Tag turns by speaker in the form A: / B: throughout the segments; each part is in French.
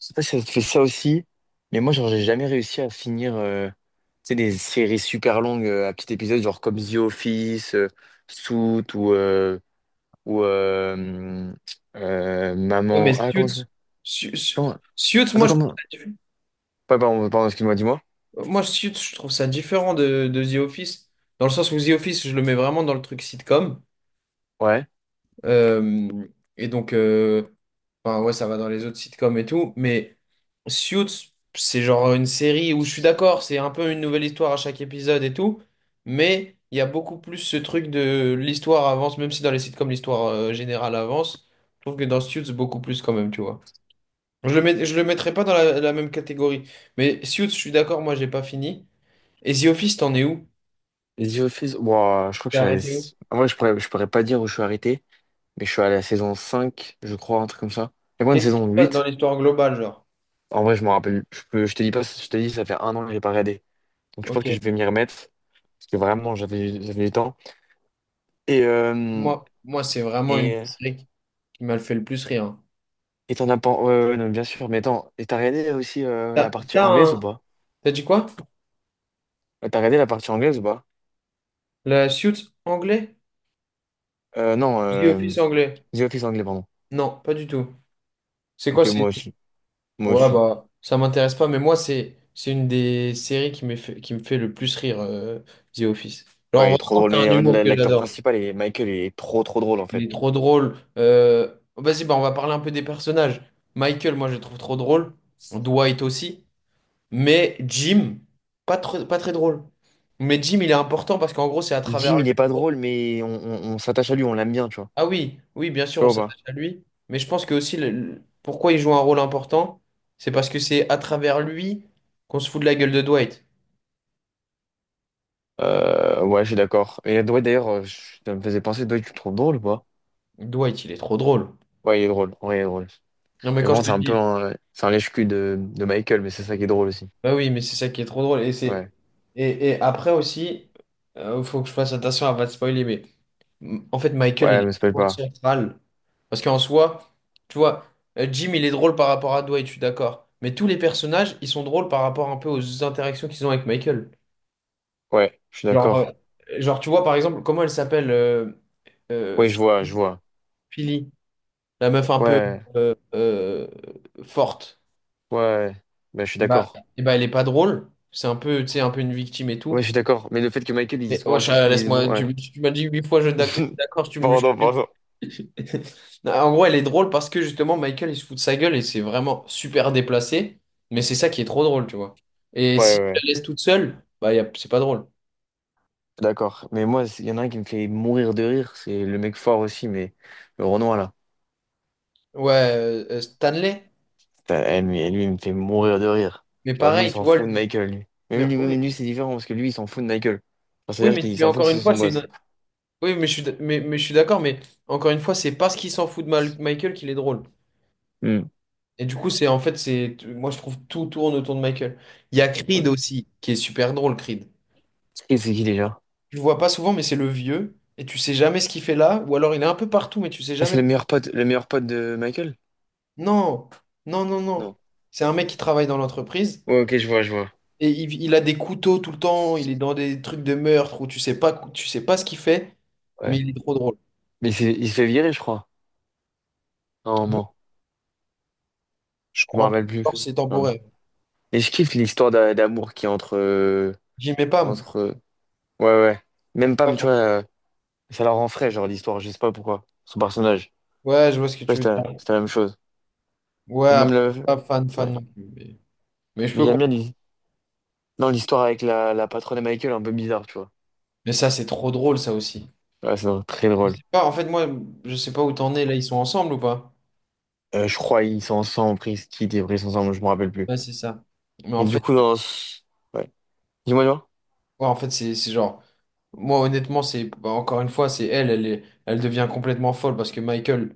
A: Je sais pas si ça te fait ça aussi, mais moi, genre, j'ai jamais réussi à finir tu sais, des séries super longues à petits épisodes, genre comme The Office, Suits ou, euh, ou
B: Ouais, mais
A: Maman. Ah, comment ça
B: Suits,
A: s'appelle?
B: Su- Su-
A: Comment...
B: Suits,
A: Attends,
B: moi je trouve
A: comment?
B: ça,
A: Ouais, pardon, pardon, excuse-moi, dis-moi.
B: moi, Suits, je trouve ça différent de The Office, dans le sens où The Office, je le mets vraiment dans le truc sitcom.
A: Ouais.
B: Euh, et donc, euh, ouais, ça va dans les autres sitcoms et tout, mais Suits, c'est genre une série où je suis d'accord, c'est un peu une nouvelle histoire à chaque épisode et tout, mais il y a beaucoup plus ce truc de l'histoire avance, même si dans les sitcoms, l'histoire générale avance, je trouve que dans Suits, beaucoup plus quand même, tu vois. Je le mettrais pas dans la même catégorie. Mais Suits, je suis d'accord, moi j'ai pas fini. Et The Office, t'en es où?
A: The Office, ouah, je crois que je
B: T'es
A: suis à
B: arrêté où?
A: la... En vrai, je pourrais pas dire où je suis arrêté, mais je suis allé à la saison 5 je crois, un truc comme ça. Il y a moi une
B: Qu'est-ce qui se
A: saison
B: passe dans
A: huit.
B: l'histoire globale, genre?
A: En vrai, je m'en rappelle. Je peux, je te dis pas, je te dis, ça fait un an que j'ai pas regardé. Donc je pense que je vais
B: Ok.
A: m'y remettre parce que vraiment j'avais du temps. Et euh,
B: Moi c'est vraiment une
A: et
B: série qui m'a fait le plus rire, hein.
A: et t'en as pas ouais, ouais, ouais, non, bien sûr. Mais attends, et t'as regardé aussi la
B: T'as,
A: partie
B: t'as
A: anglaise ou
B: un...
A: pas?
B: T'as dit quoi?
A: T'as regardé la partie anglaise ou pas?
B: La Suits anglais?
A: Non,
B: The Office anglais?
A: The Office anglais pardon.
B: Non, pas du tout. C'est quoi,
A: Ok, moi aussi, moi
B: Ouais,
A: aussi.
B: bah, ça m'intéresse pas, mais moi, c'est une des séries qui me fait le plus rire, The Office. Genre,
A: Ouais, il est trop
B: vraiment,
A: drôle.
B: c'est
A: Mais
B: un humour que
A: l'acteur
B: j'adore.
A: principal, est Michael, il est trop trop drôle en
B: Il
A: fait.
B: est trop drôle. Vas-y, bah, on va parler un peu des personnages. Michael, moi, je le trouve trop drôle. Dwight aussi. Mais Jim, pas très drôle. Mais Jim, il est important parce qu'en gros, c'est à travers
A: Jim, il
B: lui.
A: est pas drôle, mais on s'attache à lui, on l'aime bien, tu vois.
B: Ah oui, oui, bien
A: Tu
B: sûr, on
A: vois ou pas?
B: s'attache à lui. Mais je pense que aussi, pourquoi il joue un rôle important, c'est parce que c'est à travers lui qu'on se fout de la gueule de Dwight.
A: Ouais, je suis d'accord. Et Dwight, d'ailleurs, ça me faisait penser, Dwight, tu le trouves drôle ou pas?
B: Dwight, il est trop drôle.
A: Ouais, il est drôle. Ouais, il est drôle.
B: Non, mais
A: Mais
B: quand
A: bon,
B: je te
A: c'est un peu
B: dis,
A: un, c'est un lèche-cul de Michael, mais c'est ça qui est drôle aussi.
B: bah oui, mais c'est ça qui est trop drôle.
A: Ouais.
B: Et après aussi, il faut que je fasse attention à pas te spoiler, mais. En fait, Michael, il
A: Ouais, mais ça
B: est
A: s'appelle
B: trop
A: pas.
B: central. Parce qu'en soi, tu vois, Jim, il est drôle par rapport à Dwight, je suis d'accord. Mais tous les personnages, ils sont drôles par rapport un peu aux interactions qu'ils ont avec Michael.
A: Ouais, je suis
B: Genre, euh,
A: d'accord.
B: Tu vois, par exemple, comment elle s'appelle euh,
A: Ouais, je vois, je
B: Philly,
A: vois.
B: Philly, la meuf un peu
A: Ouais,
B: euh, euh, forte.
A: ouais. Ben, je suis
B: Et bah,
A: d'accord.
B: et bah, elle est pas drôle. C'est un peu, tu sais, un peu une victime et
A: Ouais, je
B: tout.
A: suis d'accord. Mais le fait que Michael, il
B: Mais
A: se
B: wesh,
A: mange, il se...
B: laisse-moi,
A: Ouais.
B: tu m'as dit huit fois je suis d'accord,
A: Pardon, pardon.
B: Non, en gros, elle est drôle parce que justement, Michael, il se fout de sa gueule et c'est vraiment super déplacé, mais c'est ça qui est trop drôle, tu vois. Et
A: Ouais,
B: si
A: ouais,
B: tu la
A: ouais.
B: laisses toute seule, bah, c'est pas drôle.
A: D'accord. Mais moi, il y en a un qui me fait mourir de rire. C'est le mec fort aussi, mais le Renoir, là.
B: Ouais, Stanley,
A: Putain, eh, mais lui, il me fait mourir de rire.
B: mais
A: Genre, lui, il
B: pareil, tu
A: s'en
B: vois,
A: fout de Michael, lui. Mais lui, mais
B: oui,
A: lui, c'est différent parce que lui, il s'en fout de Michael. Enfin,
B: oui,
A: c'est-à-dire qu'il
B: mais
A: s'en fout que
B: encore
A: ce
B: une
A: soit
B: fois,
A: son boss.
B: Oui, mais je suis, mais je suis d'accord, mais encore une fois, c'est parce qu'il s'en fout de Michael qu'il est drôle.
A: Hmm.
B: Et du coup, c'est moi, je trouve tout tourne autour de Michael. Il y a Creed aussi, qui est super drôle, Creed.
A: C'est qui déjà?
B: Tu le vois pas souvent, mais c'est le vieux, et tu sais jamais ce qu'il fait là, ou alors il est un peu partout, mais tu sais
A: Ah, c'est
B: jamais.
A: le meilleur pote de Michael?
B: Non, non.
A: Non.
B: C'est un mec qui travaille dans l'entreprise,
A: Ouais, ok, je vois, je vois.
B: et il a des couteaux tout le temps, il est dans des trucs de meurtre, où tu sais pas ce qu'il fait, mais
A: Ouais.
B: il est trop drôle.
A: Mais il s'est fait virer, je crois, à un moment.
B: Je
A: Je me
B: crois
A: rappelle
B: pas que
A: plus.
B: c'est
A: Non.
B: temporaire.
A: Et je kiffe l'histoire d'amour qui est entre.
B: J'y mets pas, moi.
A: Entre. euh, Ouais, ouais. Même
B: Pas
A: Pam, tu
B: fan.
A: vois, ça la rend frais, genre, l'histoire, je sais pas pourquoi. Son personnage.
B: Ouais, je vois ce que
A: Ouais
B: tu
A: sais
B: veux
A: pas si c'est la
B: dire.
A: c'est la même chose.
B: Ouais,
A: Et même
B: après,
A: la.
B: pas fan, fan
A: Ouais.
B: non plus. Mais je
A: Et
B: peux
A: j'aime bien
B: comprendre.
A: non, l'histoire avec la patronne de Michael, un peu bizarre, tu vois.
B: Mais ça, c'est trop drôle, ça aussi.
A: Ouais, c'est très
B: Je
A: drôle.
B: sais pas, en fait, moi, je sais pas où t'en es. Là, ils sont ensemble ou pas?
A: Je crois ils sont ensemble, après ils se quittent et après ils sont ensemble, je me rappelle plus.
B: Ouais, c'est ça. Mais en
A: Et du
B: fait,
A: coup, Ouais. Dis-moi, dis-moi.
B: Ouais, en fait, C'est genre, moi honnêtement, c'est bah, encore une fois, c'est elle, elle devient complètement folle parce que Michael,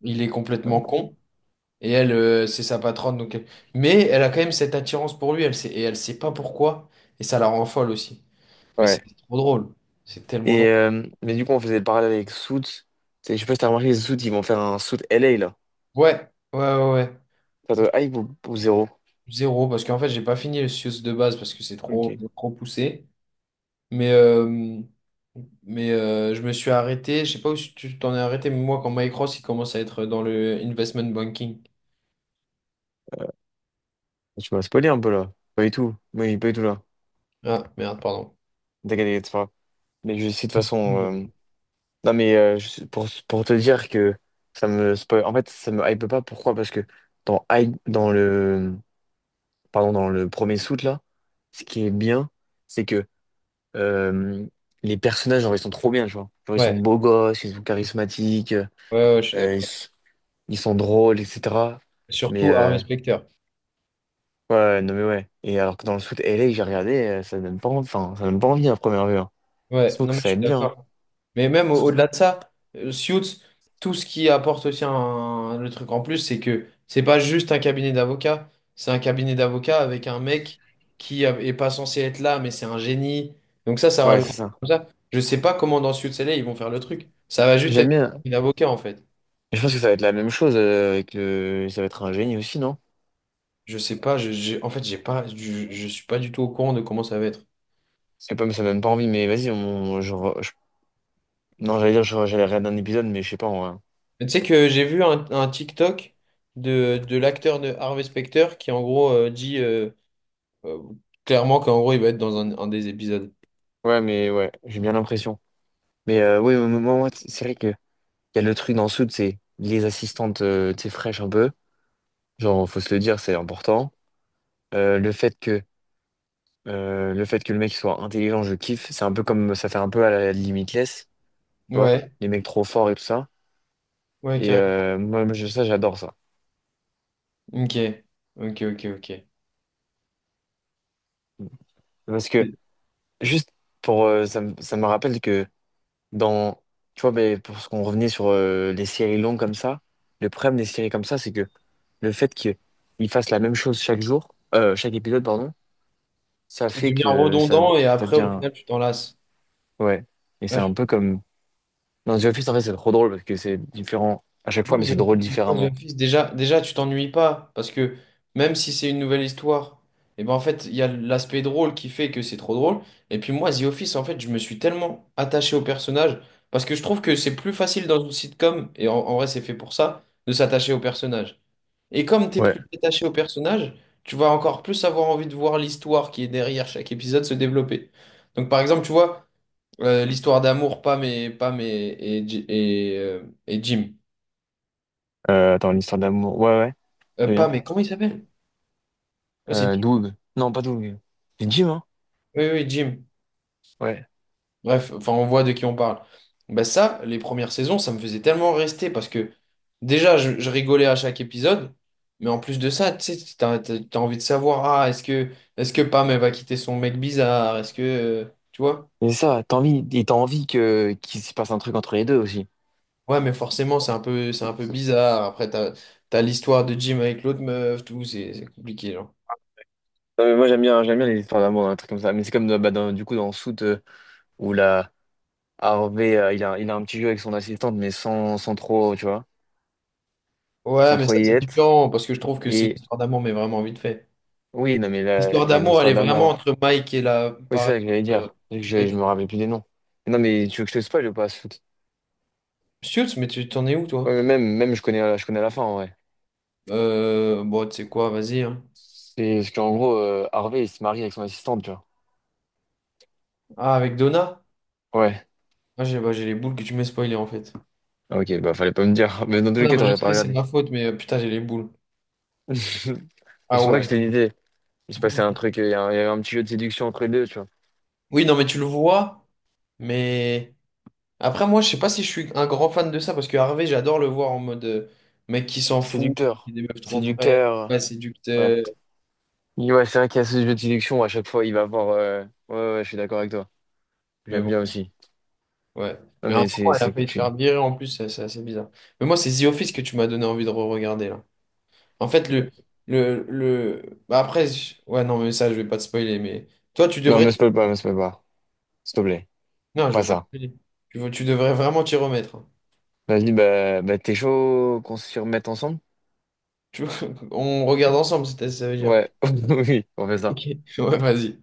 B: il est complètement
A: Ouais.
B: con et elle, c'est sa patronne, donc mais elle a quand même cette attirance pour lui, elle sait, et elle sait pas pourquoi et ça la rend folle aussi. Mais c'est
A: Ouais.
B: trop drôle, c'est tellement
A: Et,
B: drôle.
A: mais du coup, on faisait le parallèle avec Suits. Je sais pas si t'as remarqué, les Suits, ils vont faire un Suits LA, là.
B: Ouais, ouais, ouais, ouais.
A: Ça te hype ou zéro?
B: Zéro parce qu'en fait, j'ai pas fini le Sius de base parce que c'est trop,
A: Ok.
B: trop poussé. Mais, euh, je me suis arrêté. Je sais pas où si tu t'en es arrêté, mais moi, quand Mike Ross, il commence à être dans le investment banking.
A: Tu m'as spoilé un peu, là. Pas du tout. Oui, pas du tout, là.
B: Ah, merde, pardon.
A: T'inquiète, t'inquiète, c'est pas grave. Mais je sais de toute façon...
B: Mhm.
A: Non, mais pour te dire que ça me spoil... En fait, ça me hype pas. Pourquoi? Parce que dans le... Pardon, dans le premier Suits, là, ce qui est bien, c'est que... euh, les personnages, genre, ils sont trop bien, tu vois. Genre, ils sont
B: Ouais,
A: beaux gosses, ils sont charismatiques. Euh,
B: ouais, ouais, je suis
A: ils,
B: d'accord.
A: s- ils sont drôles, etc. Mais
B: Surtout à Specter.
A: ouais, ouais, non mais ouais. Et alors que dans le foot LA, que j'ai regardé, ça donne pas envie, enfin, ça donne pas envie à première vue. Hein. Je
B: Ouais,
A: trouve
B: non,
A: que
B: mais
A: ça
B: je
A: va
B: suis
A: être bien, hein.
B: d'accord. Mais même au-delà
A: Surtout-
B: de ça, Suits, tout ce qui apporte aussi un, le truc en plus, c'est que c'est pas juste un cabinet d'avocats, c'est un cabinet d'avocats avec un mec est pas censé être là, mais c'est un génie. Donc ça
A: Ouais,
B: rajoute
A: c'est ça.
B: comme ça. Je sais pas comment dans Suits LA ils vont faire le truc. Ça va juste
A: J'aime
B: être
A: bien.
B: un avocat en fait.
A: Et je pense que ça va être la même chose avec le. Ça va être un génie aussi, non?
B: Je sais pas, je, j'ai- en fait, j'ai pas, Je suis pas du tout au courant de comment ça va être.
A: C'est pas, ça donne pas envie, mais vas-y, on... Non, j'allais dire, j'allais regarder un épisode, mais je sais pas, en vrai.
B: Mais tu sais que j'ai vu un TikTok de l'acteur de Harvey Specter qui en gros dit. Euh, clairement qu'en gros, il va être dans un des épisodes.
A: Ouais, mais ouais, j'ai bien l'impression. Mais oui, moi, moi, moi, c'est vrai que il y a le truc dans le foot, c'est les assistantes, tu sais, fraîches un peu. Genre, faut se le dire, c'est important. Euh, le fait que le fait que le mec soit intelligent, je kiffe. C'est un peu comme ça fait un peu à la Limitless, tu vois,
B: Ouais,
A: les mecs trop forts et tout ça.
B: ouais,
A: Et
B: carrément.
A: euh, moi, moi, je- ça, j'adore ça.
B: Ok, ok.
A: Parce que juste pour ça me rappelle que dans tu vois, ben, pour ce qu'on revenait sur les séries longues comme ça, le problème des séries comme ça, c'est que le fait qu'ils fassent la même chose chaque jour, chaque épisode, pardon, ça
B: Ça
A: fait
B: devient
A: que ça,
B: redondant et
A: ça
B: après, au
A: devient
B: final, tu t'en lasses.
A: ouais. Et
B: Là,
A: c'est
B: je-
A: un peu comme dans The Office, en fait, c'est trop drôle parce que c'est différent à chaque
B: moi,
A: fois, mais
B: The
A: c'est drôle
B: Moi, The
A: différemment.
B: Office, déjà, déjà, tu t'ennuies pas parce que même si c'est une nouvelle histoire, et ben en fait, il y a l'aspect drôle qui fait que c'est trop drôle. Et puis moi, The Office, en fait, je me suis tellement attaché au personnage parce que je trouve que c'est plus facile dans une sitcom, et en vrai, c'est fait pour ça, de s'attacher au personnage. Et comme tu es plus
A: Ouais.
B: détaché au personnage, tu vas encore plus avoir envie de voir l'histoire qui est derrière chaque épisode se développer. Donc par exemple, tu vois, l'histoire d'amour, Pam et, Pam et, Ji- et Jim.
A: Attends, une histoire d'amour. Ouais, ouais, très
B: Pam
A: bien.
B: mais comment il s'appelle? Ouais, c'est Jim.
A: Doug. Non, pas Doug. C'est Jim, hein?
B: Oui, oui, Jim.
A: Ouais.
B: Bref, enfin on voit de qui on parle. Bah ça, les premières saisons, ça me faisait tellement rester parce que déjà, je rigolais à chaque épisode. Mais en plus de ça, tu sais, t'as envie de savoir, ah, est-ce que Pam, elle va quitter son mec bizarre? Est-ce que, tu vois?
A: C'est ça, t'as envie, et t'as envie que qu'il se passe un truc entre les deux aussi.
B: Ouais, mais forcément, c'est un peu bizarre. Après, t'as l'histoire de Jim avec l'autre meuf, tout, c'est compliqué, genre.
A: Non, mais moi, j'aime bien les histoires d'amour, un truc comme ça. Mais c'est comme bah, du coup dans Soot où la Harvey, il a un petit jeu avec son assistante, mais sans trop, tu vois,
B: Ouais,
A: sans
B: mais
A: trop
B: ça,
A: y
B: c'est
A: être.
B: différent, parce que je trouve que c'est une
A: Et
B: histoire d'amour, mais vraiment vite fait.
A: oui, non, mais
B: L'histoire
A: et
B: d'amour, elle
A: l'histoire
B: est vraiment
A: d'amour.
B: entre Mike et la,
A: Oui, c'est
B: par
A: ça que j'allais
B: exemple,
A: dire. Je
B: avec
A: me rappelle plus des noms. Non, mais tu veux que je te spoil ou pas, Soot
B: Schultz, mais tu t'en es où,
A: Ouais,
B: toi?
A: mais même je connais la fin, ouais.
B: Bon, tu sais quoi, vas-y, hein.
A: C'est parce qu'en gros, Harvey, il se marie avec son assistante, tu vois.
B: Ah, avec Donna?
A: Ouais.
B: Ah, j'ai bah, j'ai les boules que tu m'as spoilé, en fait.
A: Ah, Ok, bah fallait pas me dire. Mais dans tous
B: Ah
A: les
B: non,
A: cas,
B: mais je
A: t'aurais pas
B: sais, c'est
A: regardé.
B: ma faute, mais putain, j'ai les boules.
A: Mais
B: Ah
A: c'est pour ça que
B: ouais.
A: je t'ai dit, il se passait un truc, il y avait un petit jeu de séduction entre les deux, tu vois.
B: Oui, non, mais tu le vois, mais. Après, moi, je sais pas si je suis un grand fan de ça, parce que Harvey, j'adore le voir en mode mec qui s'en fout, qui
A: Séducteur.
B: des meufs trop frais,
A: Séducteur.
B: pas
A: Ouais.
B: séducteur.
A: Il Ouais, c'est vrai qu'il y a ce jeu de séduction où à chaque fois, il va avoir. Ouais, ouais, je suis d'accord avec toi.
B: Mais
A: J'aime bien
B: bon,
A: aussi.
B: ouais.
A: Non,
B: Mais à un
A: mais c'est
B: moment, elle a
A: c'est que
B: failli se
A: tu.
B: faire virer en plus, c'est assez bizarre. Mais moi, c'est The Office que tu m'as donné envie de re-regarder là. En fait,
A: Ouais.
B: le. Le... bah, après, je- Ouais, non, mais ça, je vais pas te spoiler, mais toi, tu
A: Non,
B: devrais.
A: me spoil pas, me spoil pas. S'il te plaît.
B: Non, je vais
A: Pas
B: pas te
A: ça.
B: spoiler. Tu devrais vraiment t'y remettre, hein.
A: Vas-y, bah t'es chaud qu'on se remette ensemble?
B: Tu... On regarde ensemble, ça veut dire.
A: Ouais. Oui, on fait
B: Ok.
A: ça.
B: Ouais, vas-y.